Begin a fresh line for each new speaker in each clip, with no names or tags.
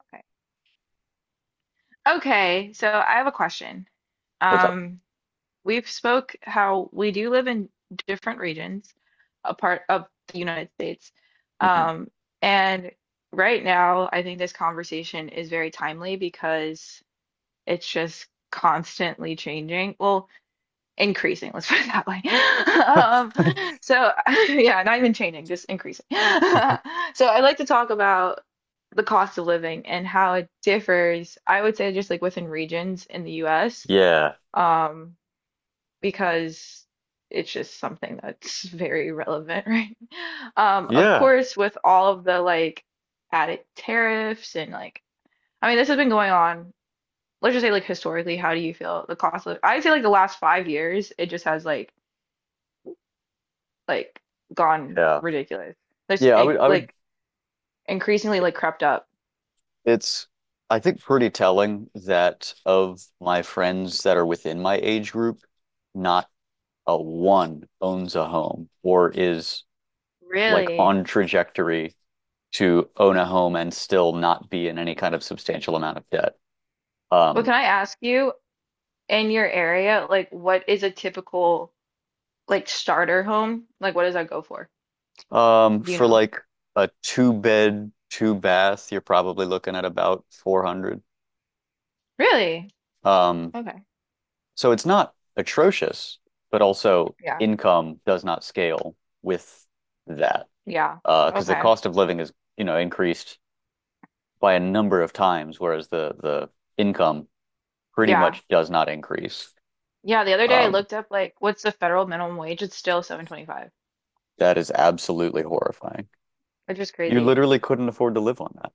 Okay, Okay, so I have a question.
What's up?
Um, we've spoke how we do live in different regions, a part of the United States.
Mhm.
Um, and right now, I think this conversation is very timely because it's just constantly changing. Well, increasing, let's put it that way. Um, so, yeah, not even changing, just increasing. So, I like to talk about the cost of living and how it differs, I would say, just like within regions in the US,
Yeah.
um, because it's just something that's very relevant, right? Of
Yeah.
course, with all of the like added tariffs and like, I mean, this has been going on. Let's just say, like, historically, how do you feel the cost of? I'd say, like, the last 5 years, it just has like gone
Yeah.
ridiculous.
Yeah, I would
Like increasingly like crept up.
It's I think pretty telling that of my friends that are within my age group, not a one owns a home or is like
Really?
on trajectory to own a home and still not be in any kind of substantial amount of debt.
Well,
Um,
can I ask you in your area, like what is a typical like starter home? Like what does that go for? Do you
for
know?
like a two bed, two bath, you're probably looking at about 400.
Really?
Um,
Okay.
So it's not atrocious, but also
Yeah.
income does not scale with that
Yeah.
because the
Okay.
cost of living is, you know, increased by a number of times, whereas the income pretty
Yeah.
much does not increase.
Yeah, the other day I
Um,
looked up like what's the federal minimum wage? It's still 7.25,
that is absolutely horrifying.
which is
You
crazy.
literally couldn't afford to live on that.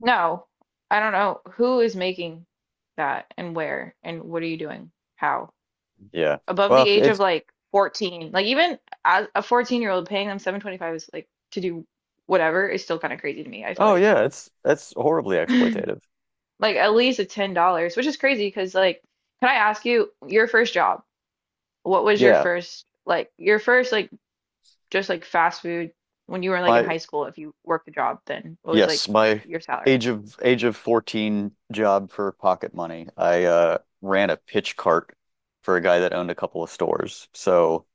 No. I don't know who is making that and where and what are you doing? How?
Yeah.
Above the
Well,
age of
it's
like 14, like even as a 14-year-old paying them 725 is like to do whatever is still kind of crazy to me, I feel
oh
like.
yeah, it's that's horribly exploitative.
Like at least a $10, which is crazy because like, can I ask you your first job? What was
Yeah.
your first like just like fast food when you were like in
My
high school if you worked a job, then what was like
Yes, my
your salary?
age of 14 job for pocket money. I ran a pitch cart for a guy that owned a couple of stores. So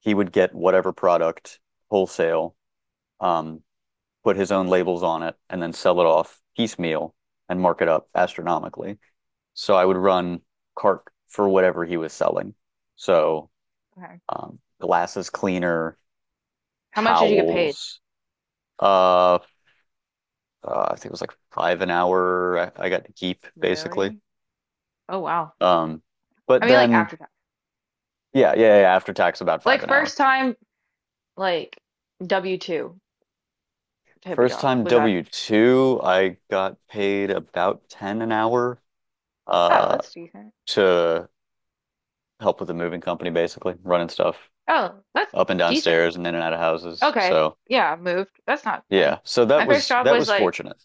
he would get whatever product wholesale, um, put his own labels on it, and then sell it off piecemeal and mark it up astronomically. So I would run cart for whatever he was selling. So
Okay,
glasses cleaner,
how much did you get paid?
towels, uh, I think it was like five an hour I got to keep basically.
Really? Oh, wow.
Um, but
I mean like
then
after tax.
yeah, after tax about five
Like
an hour.
first time like W-2 type of
First
job,
time
was that?
W-2, I got paid about 10 an hour
Oh,
uh
that's decent.
to help with the moving company basically, running stuff
Oh, that's
up and
decent.
downstairs and in and out of houses.
Okay.
So,
Yeah, moved. That's not bad.
yeah. So that
My first
was
job
that
was
was
like,
fortunate.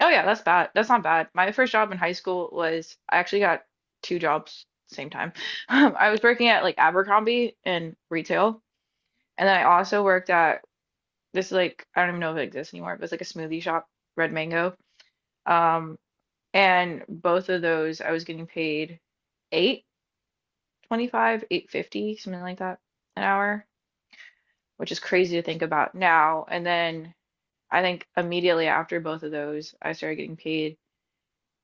oh yeah, that's bad. That's not bad. My first job in high school was I actually got two jobs same time. I was working at like Abercrombie in retail, and then I also worked at, this is, like I don't even know if it exists anymore. It was like a smoothie shop, Red Mango. Um, and both of those I was getting paid 8.25, 8.50, something like that an hour. Which is crazy to think about now. And then I think immediately after both of those, I started getting paid.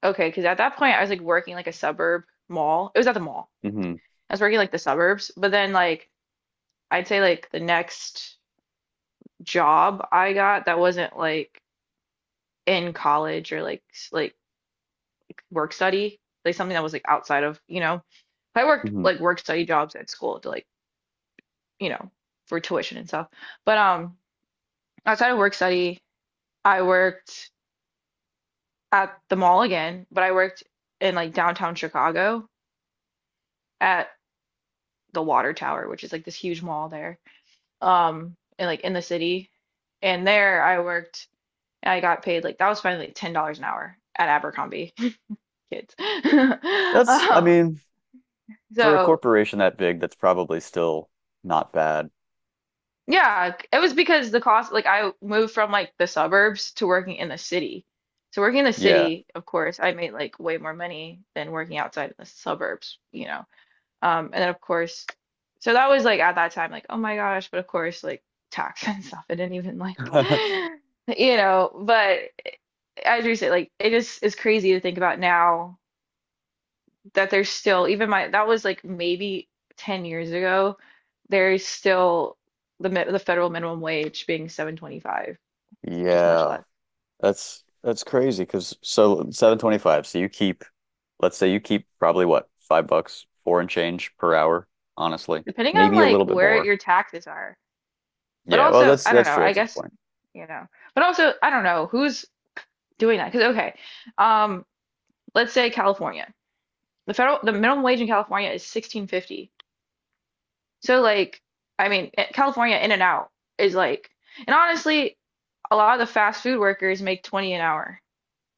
Okay, because at that point I was like working like a suburb mall. It was at the mall.
hmm
I was working like the suburbs, but then like I'd say like the next job I got that wasn't like in college or like like work study, like something that was like outside of, you know, I worked
hmm
like work study jobs at school to like, you know, for tuition and stuff. But outside of work study, I worked at the mall again, but I worked in like downtown Chicago at the Water Tower, which is like this huge mall there, and like in the city. And there I worked and I got paid like that was finally like $10 an hour at Abercrombie kids.
That's I
Um,
mean, for a
so
corporation that big, that's probably still not bad.
yeah, it was because the cost like I moved from like the suburbs to working in the city. So working in the
Yeah.
city, of course, I made like way more money than working outside in the suburbs, you know. And then of course, so that was like at that time, like, oh my gosh, but of course, like tax and stuff, I didn't even like, you know, but as you say, like it just is crazy to think about now that there's still even my that was like maybe 10 years ago, there's still the federal minimum wage being 7.25, which is much
Yeah.
less.
That's crazy because so
It's so crazy.
725. So you keep, let's say you keep probably what, $5, four and change per hour, honestly.
Depending on
Maybe a
like
little bit
where
more.
your taxes are, but
Yeah, well
also,
that's
I don't
that's
know,
true.
I
That's a good
guess,
point.
you know, but also, I don't know who's doing that because okay. um. Let's say California. The minimum wage in California is 16.50. So like I mean California in and out is like and honestly a lot of the fast food workers make 20 an hour.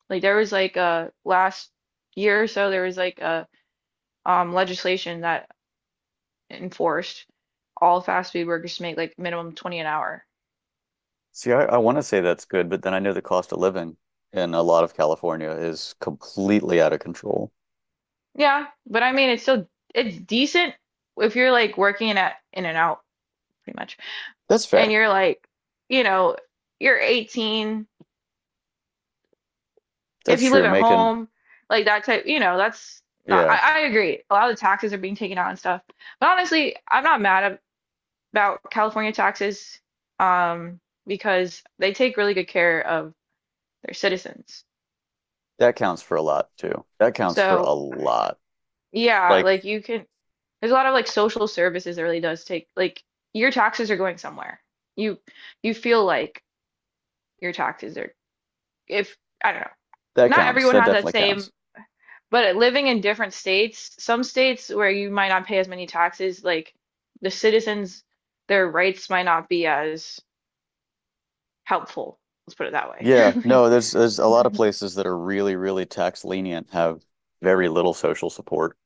Like there was like a last year or so there was like a legislation that enforced all fast food workers to make like minimum 20 an hour.
See, I want to say that's good, but then I know the cost of living in a lot of California is completely out of control.
Yeah, but I mean it's still it's decent if you're like working in at in and out pretty much
That's
and
fair.
you're like you know you're 18 if
That's
you live
true.
at
Making,
home, like that type, you know, that's not,
yeah,
I agree. A lot of the taxes are being taken out and stuff. But honestly, I'm not mad about California taxes, um, because they take really good care of their citizens.
that counts for a lot too. That counts for a
So,
lot.
yeah,
Like
like you can, there's a lot of like social services that really does take, like your taxes are going somewhere. You you feel like your taxes are, if, I don't know,
that
not
counts.
everyone
That
has that
definitely
same.
counts.
But living in different states, some states where you might not pay as many taxes, like the citizens, their rights might not be as helpful. Let's put it that
Yeah,
way.
no, there's a lot
Like,
of places that are really, really tax lenient, have very little social support.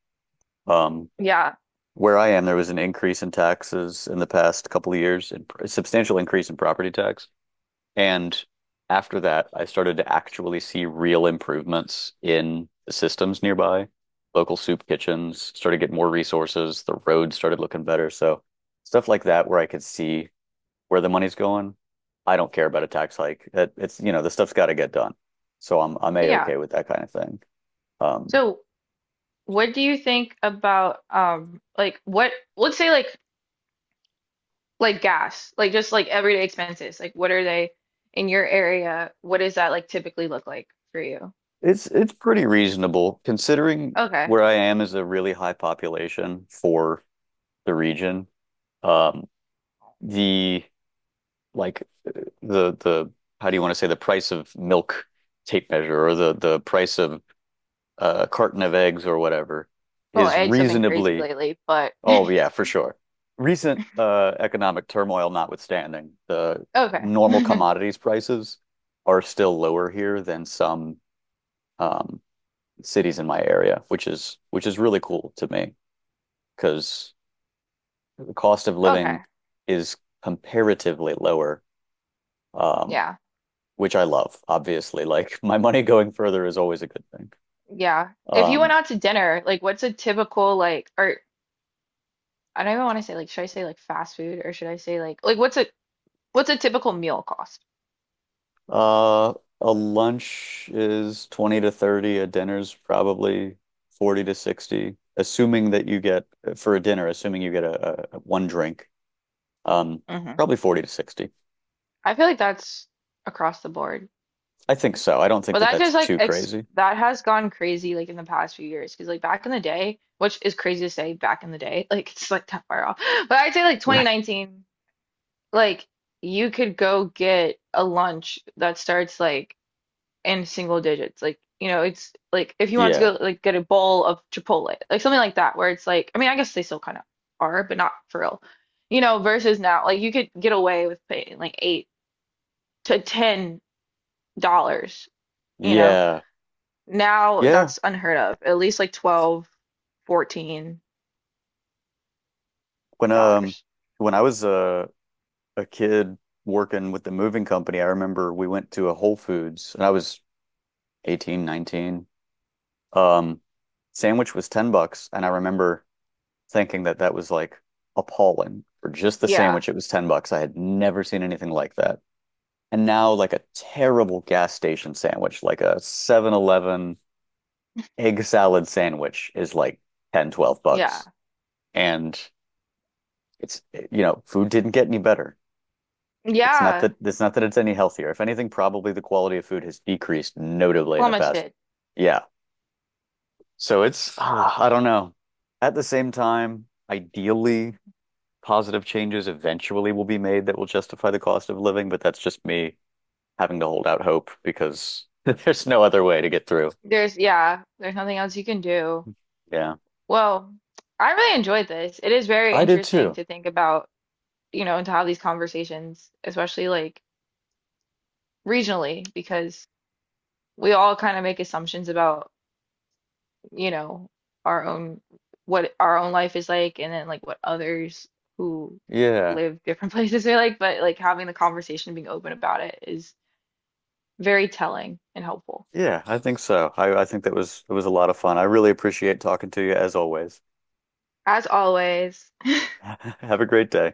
Um,
yeah,
where I am, there was an increase in taxes in the past couple of years, and a substantial increase in property tax. And after that, I started to actually see real improvements in the systems nearby. Local soup kitchens started to get more resources. The roads started looking better. So stuff like that where I could see where the money's going, I don't care about a tax hike. It's you know the stuff's got to get done, so I'm a
yeah.
okay with that kind of thing. Um,
So, what do you think about like what let's say like gas, like just like everyday expenses. Like what are they in your area? What does that like typically look like for you?
it's pretty reasonable considering
Okay.
where I am is a really high population for the region. Um, the like the how do you want to say the price of milk tape measure or the price of a carton of eggs or whatever
Well,
is
eggs have been crazy
reasonably.
lately, but
Oh, yeah, for sure. Recent economic turmoil notwithstanding, the
okay.
normal commodities prices are still lower here than some um, cities in my area, which is really cool to me because the cost of living
Okay.
is comparatively lower, um,
Yeah.
which I love, obviously. Like my money going further is always a good thing.
Yeah. If you went
Um,
out to dinner, like what's a typical like or I don't even want to say like should I say like fast food or should I say like what's a typical meal cost?
Uh, a lunch is 20 to 30, a dinner's probably 40 to 60, assuming that you get for a dinner, assuming you get a one drink, um,
hmm
probably 40 to 60.
I feel like that's across the board.
I think so. I don't think
But
that
that
that's
just like
too
ex
crazy.
that has gone crazy like in the past few years because like back in the day, which is crazy to say back in the day, like it's like that far off. But I'd say like
Right.
2019, like you could go get a lunch that starts like in single digits. Like, you know, it's like if you wanted to
Yeah.
go like get a bowl of Chipotle, like something like that, where it's like, I mean, I guess they still kind of are, but not for real. You know, versus now, like you could get away with paying like $8 to $10, you know.
Yeah.
Now
Yeah.
that's unheard of. At least like 12, fourteen
When um
dollars.
when I was a kid working with the moving company, I remember we went to a Whole Foods and I was 18, 19. Um, Sandwich was 10 bucks and I remember thinking that that was like appalling for just the
Yeah,
sandwich. It was 10 bucks. I had never seen anything like that. And now, like a terrible gas station sandwich, like a 7-Eleven egg salad sandwich, is like ten, twelve
yeah.
bucks. And it's, you know, food didn't get any better. It's not
Yeah,
that it's not that it's any healthier. If anything, probably the quality of food has decreased notably in the past.
plummeted.
Yeah. So it's, ah, I don't know. At the same time, ideally, positive changes eventually will be made that will justify the cost of living, but that's just me having to hold out hope because there's no other way to get through.
There's yeah, there's nothing else you can do.
Yeah.
Well, I really enjoyed this. It is very
I did
interesting
too.
to think about, you know, and to have these conversations, especially like regionally, because we all kind of make assumptions about, you know, our own what our own life is like and then like what others who
Yeah.
live different places are like, but like having the conversation, being open about it is very telling and helpful.
Yeah, I think so. I think that was it was a lot of fun. I really appreciate talking to you as always.
As always,
Have a great day.